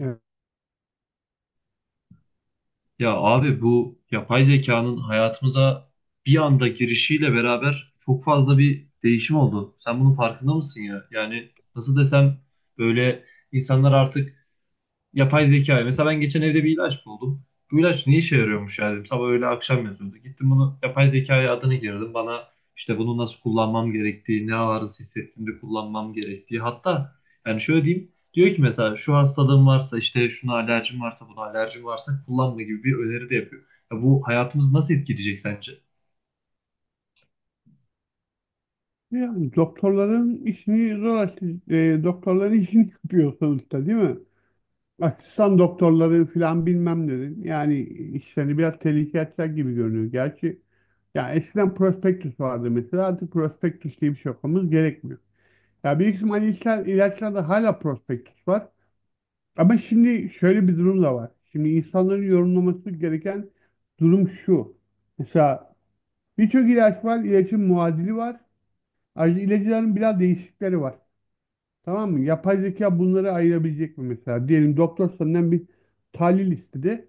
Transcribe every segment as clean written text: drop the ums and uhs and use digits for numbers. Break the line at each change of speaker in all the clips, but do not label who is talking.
Evet.
Ya abi bu yapay zekanın hayatımıza bir anda girişiyle beraber çok fazla bir değişim oldu. Sen bunun farkında mısın ya? Yani nasıl desem böyle insanlar artık yapay zeka. Mesela ben geçen evde bir ilaç buldum. Bu ilaç ne işe yarıyormuş ya dedim. Sabah öğle akşam yazıyordu. Gittim bunu yapay zekaya adını girdim. Bana işte bunu nasıl kullanmam gerektiği, ne ağrısı hissettiğimde kullanmam gerektiği. Hatta yani şöyle diyeyim. Diyor ki mesela şu hastalığım varsa işte şuna alerjim varsa buna alerjim varsa kullanma gibi bir öneri de yapıyor. Ya bu hayatımızı nasıl etkileyecek sence?
Yani doktorların işini zor açtı. Doktorların işini yapıyor sonuçta, değil mi? Asistan doktorları filan bilmem dedin. Yani işlerini biraz tehlikeye atacak gibi görünüyor. Gerçi ya eskiden prospektüs vardı mesela, artık prospektüs diye bir şey okumamız gerekmiyor. Ya bir kısım hani işler, ilaçlarda hala prospektüs var. Ama şimdi şöyle bir durum da var. Şimdi insanların yorumlaması gereken durum şu. Mesela birçok ilaç var, ilacın muadili var. Ayrıca ilaçların biraz değişikleri var. Tamam mı? Yapay zeka bunları ayırabilecek mi mesela? Diyelim doktor senden bir tahlil istedi.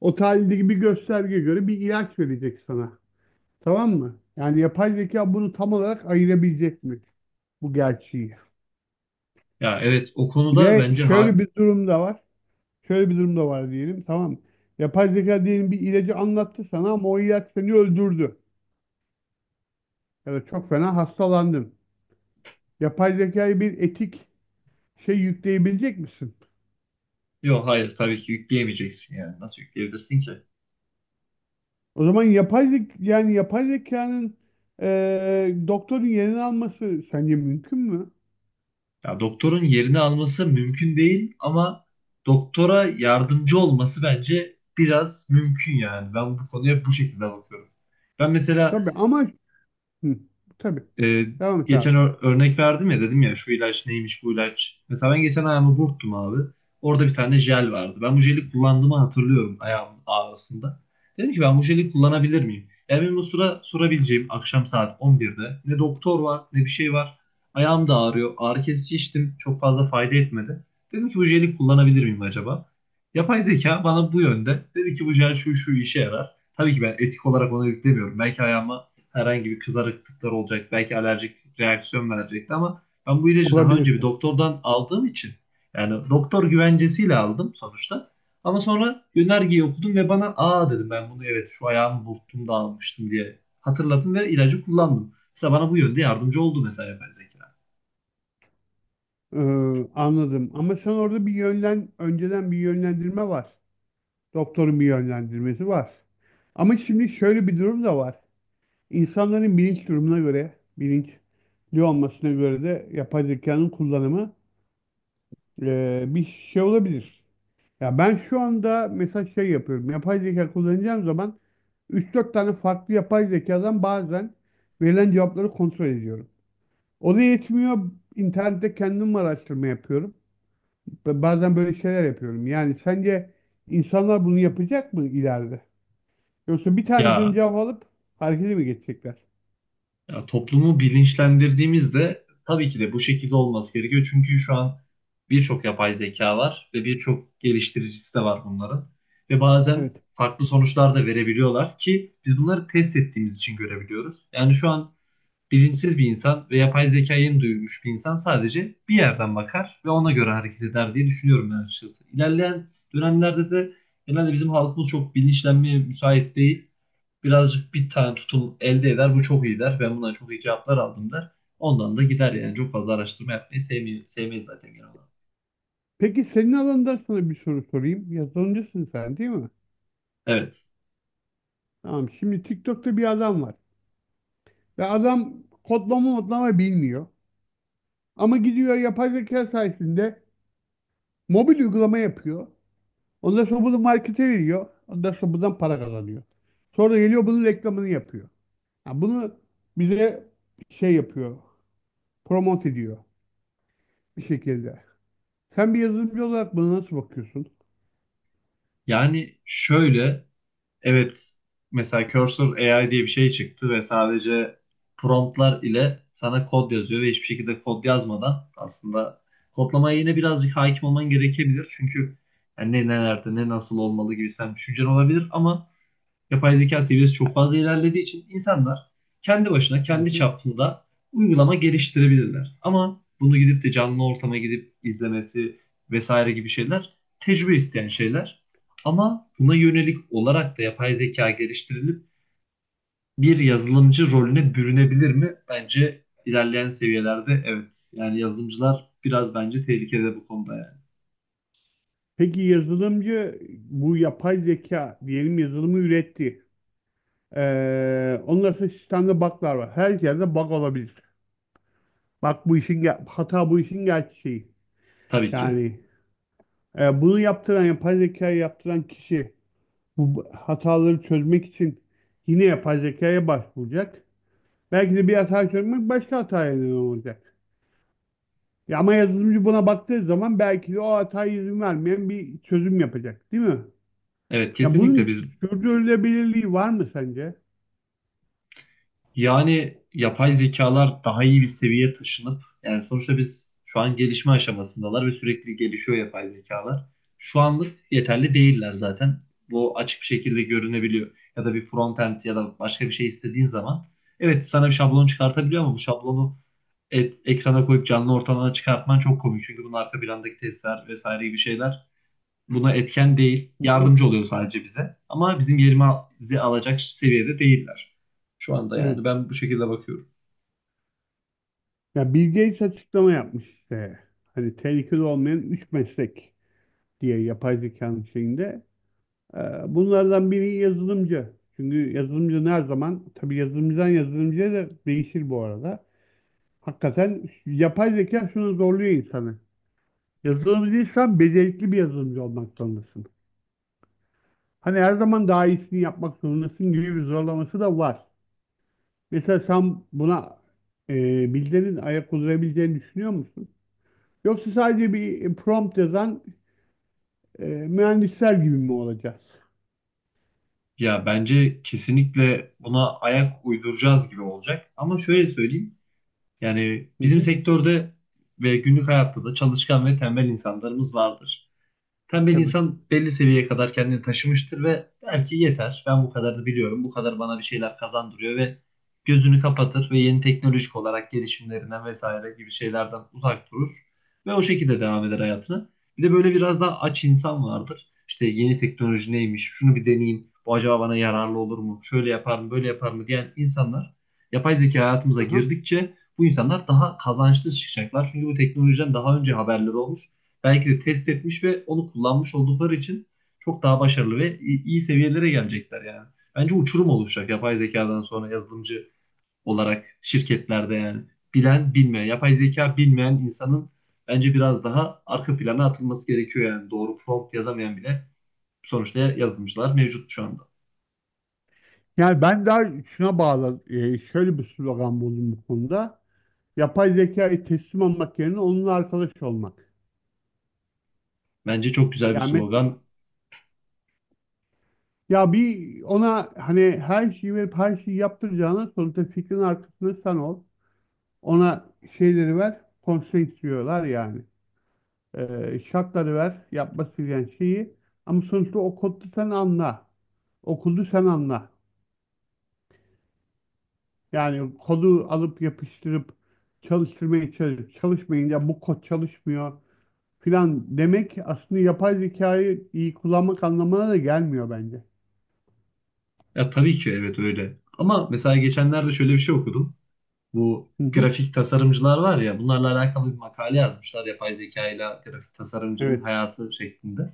O tahlildeki bir göstergeye göre bir ilaç verecek sana. Tamam mı? Yani yapay zeka bunu tam olarak ayırabilecek mi? Bu gerçeği.
Ya evet o konuda
Ve
bence
şöyle
ha,
bir durum da var. Şöyle bir durum da var, diyelim. Tamam mı? Yapay zeka diyelim bir ilacı anlattı sana ama o ilaç seni öldürdü. Ya da çok fena hastalandın. Yapay zekaya bir etik şey yükleyebilecek misin?
yok hayır tabii ki yükleyemeyeceksin yani. Nasıl yükleyebilirsin ki?
O zaman yapay zek yani yapay zekanın doktorun yerini alması sence mümkün mü?
Ya doktorun yerini alması mümkün değil ama doktora yardımcı olması bence biraz mümkün yani. Ben bu konuya bu şekilde bakıyorum. Ben mesela
Tabii ama, hı, tabii.
e,
Devam et abi.
geçen örnek verdim ya dedim ya şu ilaç neymiş bu ilaç. Mesela ben geçen ayağımı burktum abi. Orada bir tane jel vardı. Ben bu jeli kullandığımı hatırlıyorum ayağımın ağrısında. Dedim ki ben bu jeli kullanabilir miyim? Yani benim o sıra sorabileceğim akşam saat 11'de ne doktor var ne bir şey var. Ayağım da ağrıyor. Ağrı kesici içtim. Çok fazla fayda etmedi. Dedim ki bu jeli kullanabilir miyim acaba? Yapay zeka bana bu yönde dedi ki bu jel şu şu işe yarar. Tabii ki ben etik olarak ona yüklemiyorum. Belki ayağıma herhangi bir kızarıklıklar olacak. Belki alerjik reaksiyon verecekti ama ben bu ilacı daha önce bir
Olabilirsin.
doktordan aldığım için yani doktor güvencesiyle aldım sonuçta. Ama sonra yönergeyi okudum ve bana aa dedim ben bunu evet şu ayağımı burktum da almıştım diye hatırladım ve ilacı kullandım. Mesela bana bu yönde yardımcı oldu mesela yapay zeka.
Ee, Anladım. Ama sen orada bir yönlen önceden bir yönlendirme var. Doktorun bir yönlendirmesi var. Ama şimdi şöyle bir durum da var. İnsanların bilinç durumuna göre, bilinçli olmasına göre de yapay zekanın kullanımı bir şey olabilir. Ya ben şu anda mesela şey yapıyorum. Yapay zeka kullanacağım zaman üç dört tane farklı yapay zekadan bazen verilen cevapları kontrol ediyorum. O da yetmiyor. İnternette kendim araştırma yapıyorum. Ve bazen böyle şeyler yapıyorum. Yani sence insanlar bunu yapacak mı ileride? Yoksa bir tanesini
Ya
cevap alıp harekete mi geçecekler?
Ya toplumu bilinçlendirdiğimizde tabii ki de bu şekilde olması gerekiyor. Çünkü şu an birçok yapay zeka var ve birçok geliştiricisi de var bunların. Ve bazen
Evet.
farklı sonuçlar da verebiliyorlar ki biz bunları test ettiğimiz için görebiliyoruz. Yani şu an bilinçsiz bir insan ve yapay zekayı yeni duymuş bir insan sadece bir yerden bakar ve ona göre hareket eder diye düşünüyorum ben açıkçası. İlerleyen dönemlerde de genelde bizim halkımız çok bilinçlenmeye müsait değil, birazcık bir tane tutum elde eder. Bu çok iyi der. Ben bundan çok iyi cevaplar aldım der. Ondan da gider yani. Çok fazla araştırma yapmayı sevmiyor, sevmeyiz zaten genel olarak.
Peki senin alanında sana bir soru sorayım. Yazılımcısın sen, değil mi?
Evet.
Tamam. Şimdi TikTok'ta bir adam var. Ve adam kodlama modlama bilmiyor. Ama gidiyor yapay zeka sayesinde mobil uygulama yapıyor. Ondan sonra bunu markete veriyor. Ondan sonra buradan para kazanıyor. Sonra geliyor bunun reklamını yapıyor. Ha, bunu bize şey yapıyor. Promote ediyor bir şekilde. Sen bir yazılımcı olarak buna nasıl bakıyorsun?
Yani şöyle, evet, mesela Cursor AI diye bir şey çıktı ve sadece promptlar ile sana kod yazıyor ve hiçbir şekilde kod yazmadan aslında kodlamaya yine birazcık hakim olman gerekebilir. Çünkü yani ne nerede ne nasıl olmalı gibi sen düşüncen olabilir ama yapay zeka seviyesi çok fazla ilerlediği için insanlar kendi başına,
Hı
kendi
hı.
çapında uygulama geliştirebilirler. Ama bunu gidip de canlı ortama gidip izlemesi vesaire gibi şeyler tecrübe isteyen şeyler. Ama buna yönelik olarak da yapay zeka geliştirilip bir yazılımcı rolüne bürünebilir mi? Bence ilerleyen seviyelerde evet. Yani yazılımcılar biraz bence tehlikede bu konuda yani.
Peki yazılımcı bu yapay zeka diyelim yazılımı üretti. Ondan sonra sistemde bug'lar var. Her yerde bug olabilir. Bak bu işin hata, bu işin gerçeği.
Tabii ki.
Yani bunu yaptıran, yapay zekayı yaptıran kişi bu hataları çözmek için yine yapay zekaya başvuracak. Belki de bir hata çözmek başka hataya neden olacak. Ya ama yazılımcı buna baktığı zaman belki de o hataya izin vermeyen bir çözüm yapacak, değil mi?
Evet
Ya bunun
kesinlikle
sürdürülebilirliği var mı sence?
yani yapay zekalar daha iyi bir seviyeye taşınıp yani sonuçta biz şu an gelişme aşamasındalar ve sürekli gelişiyor yapay zekalar. Şu anlık yeterli değiller zaten. Bu açık bir şekilde görünebiliyor. Ya da bir frontend ya da başka bir şey istediğin zaman evet sana bir şablon çıkartabiliyor ama bu şablonu ekrana koyup canlı ortamına çıkartman çok komik. Çünkü bunun arka plandaki testler vesaire gibi şeyler buna etken değil.
Hı hı.
Yardımcı oluyor sadece bize. Ama bizim yerimizi alacak seviyede değiller. Şu anda yani
Evet.
ben bu şekilde bakıyorum.
Ya Bill Gates açıklama yapmış işte. Hani tehlikeli olmayan üç meslek diye yapay zekanın şeyinde. Ee, Bunlardan biri yazılımcı. Çünkü yazılımcı her zaman, tabii yazılımcıdan yazılımcıya da değişir bu arada. Hakikaten yapay zeka şunu zorluyor insanı. Yazılımcıysan becerikli bir yazılımcı olmak zorundasın. Hani her zaman daha iyisini yapmak zorundasın gibi bir zorlaması da var. Mesela sen buna e, Bill'lerin ayak uydurabileceğini düşünüyor musun? Yoksa sadece bir prompt yazan mühendisler gibi mi olacağız?
Ya bence kesinlikle buna ayak uyduracağız gibi olacak. Ama şöyle söyleyeyim. Yani
Hı
bizim
hı,
sektörde ve günlük hayatta da çalışkan ve tembel insanlarımız vardır. Tembel
tabii.
insan belli seviyeye kadar kendini taşımıştır ve der ki yeter ben bu kadarını biliyorum. Bu kadar bana bir şeyler kazandırıyor ve gözünü kapatır ve yeni teknolojik olarak gelişimlerinden vesaire gibi şeylerden uzak durur. Ve o şekilde devam eder hayatına. Bir de böyle biraz daha aç insan vardır. İşte yeni teknoloji neymiş, şunu bir deneyeyim, bu acaba bana yararlı olur mu, şöyle yapar mı, böyle yapar mı diyen insanlar yapay zeka hayatımıza
Aha.
girdikçe bu insanlar daha kazançlı çıkacaklar. Çünkü bu teknolojiden daha önce haberleri olmuş, belki de test etmiş ve onu kullanmış oldukları için çok daha başarılı ve iyi seviyelere gelecekler yani. Bence uçurum oluşacak yapay zekadan sonra yazılımcı olarak şirketlerde yani. Bilen bilmeyen, yapay zeka bilmeyen insanın bence biraz daha arka plana atılması gerekiyor yani. Doğru prompt yazamayan bile sonuçta yazılımcılar mevcut şu anda.
Yani ben daha şuna bağlı, şöyle bir slogan buldum bu konuda. Yapay zekaya teslim olmak yerine onunla arkadaş olmak.
Bence çok güzel bir
Yani mes-
slogan.
Ya bir ona hani her şeyi verip her şeyi yaptıracağına, sonuçta fikrin arkasında sen ol. Ona şeyleri ver, constraints diyorlar yani. Şartları ver, yapması gereken şeyi. Ama sonuçta o kodu sen anla. Okuldu sen anla. Yani kodu alıp yapıştırıp çalıştırmaya çalışıp çalışmayın, ya bu kod çalışmıyor filan demek aslında yapay zekayı iyi kullanmak anlamına da gelmiyor bence.
Ya tabii ki evet öyle. Ama mesela geçenlerde şöyle bir şey okudum. Bu
Hı hı.
grafik tasarımcılar var ya bunlarla alakalı bir makale yazmışlar yapay zeka ile grafik tasarımcının
Evet.
hayatı şeklinde.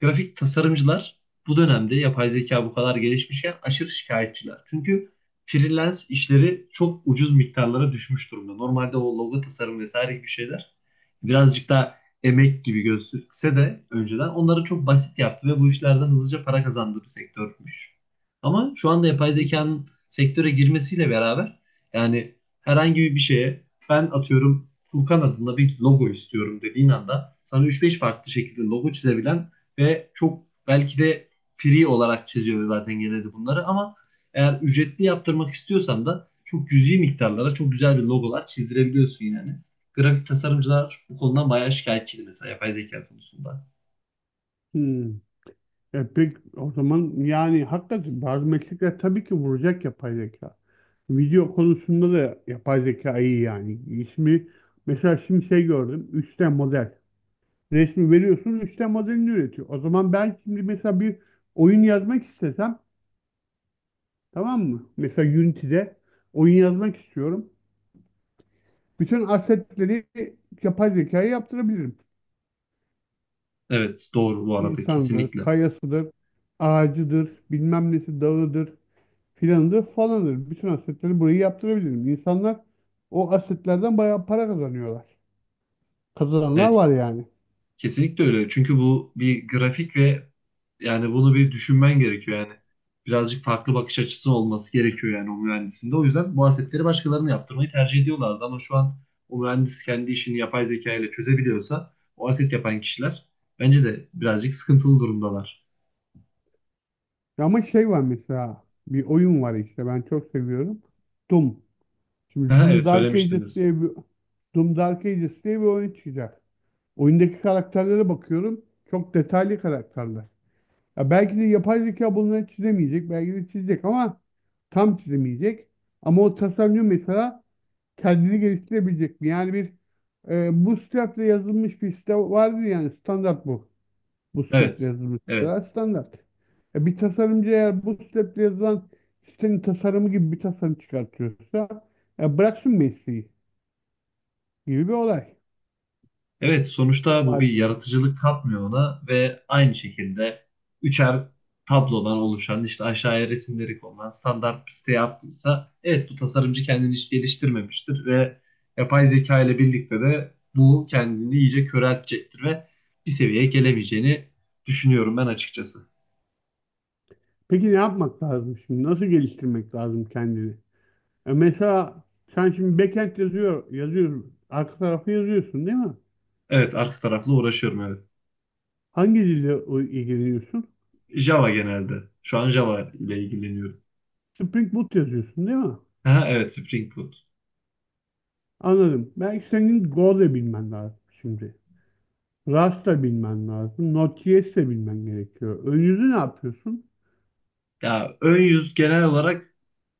Grafik tasarımcılar bu dönemde yapay zeka bu kadar gelişmişken aşırı şikayetçiler. Çünkü freelance işleri çok ucuz miktarlara düşmüş durumda. Normalde o logo tasarım vesaire gibi şeyler birazcık daha emek gibi gözükse de önceden onları çok basit yaptı ve bu işlerden hızlıca para kazandığı bir sektörmüş. Ama şu anda yapay zekanın sektöre girmesiyle beraber yani herhangi bir şeye, ben atıyorum Furkan adında bir logo istiyorum dediğin anda sana üç beş farklı şekilde logo çizebilen ve çok belki de free olarak çiziyor zaten genelde bunları, ama eğer ücretli yaptırmak istiyorsan da çok cüzi miktarlara çok güzel bir logolar çizdirebiliyorsun yani. Grafik tasarımcılar bu konudan bayağı şikayetçiydi mesela yapay zeka konusunda.
Hmm. Peki o zaman, yani hakikaten bazı meslekler tabii ki vuracak yapay zeka. Video konusunda da yapay zeka iyi yani. İsmi mesela şimdi şey gördüm, 3D model. Resmi veriyorsun, 3D modelini üretiyor. O zaman ben şimdi mesela bir oyun yazmak istesem. Tamam mı? Mesela Unity'de oyun yazmak istiyorum. Bütün assetleri yapay zekaya yaptırabilirim.
Evet doğru bu arada
İnsandır,
kesinlikle.
kayasıdır, ağacıdır, bilmem nesi dağıdır, filanıdır, falandır. Bütün assetleri burayı yaptırabilirim. İnsanlar o assetlerden bayağı para kazanıyorlar. Kazananlar
Evet,
var yani.
kesinlikle öyle. Çünkü bu bir grafik ve yani bunu bir düşünmen gerekiyor yani. Birazcık farklı bakış açısı olması gerekiyor yani o mühendisinde. O yüzden bu asetleri başkalarına yaptırmayı tercih ediyorlardı ama şu an o mühendis kendi işini yapay zeka ile çözebiliyorsa o aset yapan kişiler bence de birazcık sıkıntılı durumdalar.
Ama şey var mesela, bir oyun var işte, ben çok seviyorum. Doom. Şimdi
Aha, evet söylemiştiniz.
Doom Dark Ages diye bir oyun çıkacak. Oyundaki karakterlere bakıyorum. Çok detaylı karakterler. Ya belki de yapay zeka bunları çizemeyecek. Belki de çizecek ama tam çizemeyecek. Ama o tasarımcı mesela kendini geliştirebilecek mi? Yani bir bu step'le yazılmış bir site vardır yani, standart bu. Bu step'le
Evet.
yazılmış siteler
Evet.
standart. Bir tasarımcı eğer bu step'le yazılan sitenin tasarımı gibi bir tasarım çıkartıyorsa bıraksın mesleği gibi bir olay
Evet, sonuçta bu
var
bir
gibi.
yaratıcılık katmıyor ona ve aynı şekilde üçer tablodan oluşan işte aşağıya resimleri konulan standart bir siteye attıysa evet bu tasarımcı kendini hiç geliştirmemiştir ve yapay zeka ile birlikte de bu kendini iyice köreltecektir ve bir seviyeye gelemeyeceğini düşünüyorum ben açıkçası.
Peki ne yapmak lazım şimdi? Nasıl geliştirmek lazım kendini? Mesela sen şimdi backend yazıyorsun. Arka tarafı yazıyorsun, değil mi?
Evet, arka tarafla uğraşıyorum evet.
Hangi dille ilgileniyorsun?
Java genelde. Şu an Java ile ilgileniyorum.
Spring Boot yazıyorsun, değil mi?
Ha, evet Spring Boot.
Anladım. Belki senin Go da bilmen lazım şimdi. Rust da bilmen lazım. Node.js de bilmen gerekiyor. Ön yüzü ne yapıyorsun?
Ya ön yüz genel olarak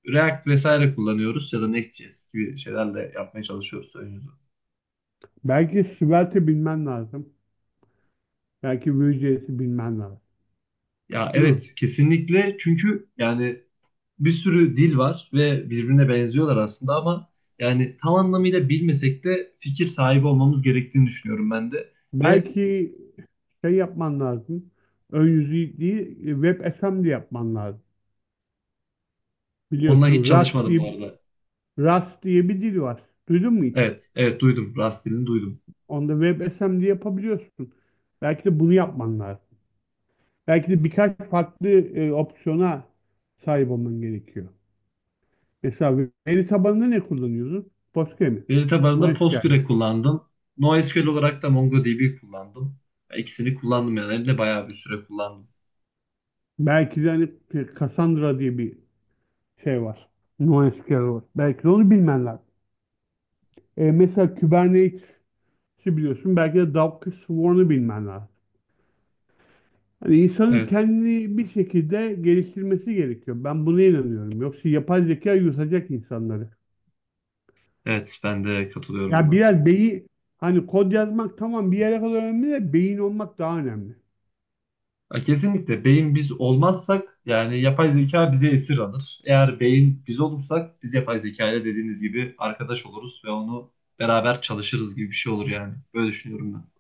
React vesaire kullanıyoruz ya da Next.js gibi şeylerle yapmaya çalışıyoruz
Belki Svelte bilmen lazım. Belki Vue.js'i bilmen lazım.
ya
Değil mi?
evet kesinlikle çünkü yani bir sürü dil var ve birbirine benziyorlar aslında ama yani tam anlamıyla bilmesek de fikir sahibi olmamız gerektiğini düşünüyorum ben de. Ve
Belki şey yapman lazım. Ön yüzü değil, WebAssembly yapman lazım.
onunla hiç
Biliyorsun
çalışmadım bu arada.
Rust diye bir dil var. Duydun mu hiç?
Evet, evet duydum. Rust dilini duydum.
Onda WebAssembly yapabiliyorsun. Belki de bunu yapman lazım. Belki de birkaç farklı opsiyona sahip olman gerekiyor. Mesela veri tabanında ne kullanıyorsun? Postgre mi?
Veri tabanında
MySQL.
Postgre kullandım. NoSQL olarak da MongoDB kullandım. Ya İkisini kullandım yani. Hem de bayağı bir süre kullandım.
Belki de hani Cassandra diye bir şey var. NoSQL var. Belki de onu bilmen lazım. Mesela Kubernetes, ki biliyorsun belki de Doug Swarm'u bilmen lazım. Hani insanın
Evet.
kendini bir şekilde geliştirmesi gerekiyor. Ben buna inanıyorum. Yoksa yapay zeka yutacak insanları.
Evet, ben de katılıyorum
Ya
buna.
biraz beyin, hani kod yazmak tamam bir yere kadar önemli de beyin olmak daha önemli.
Ya kesinlikle, beyin biz olmazsak yani yapay zeka bize esir alır. Eğer beyin biz olursak biz yapay zeka ile dediğiniz gibi arkadaş oluruz ve onu beraber çalışırız gibi bir şey olur yani. Böyle düşünüyorum ben.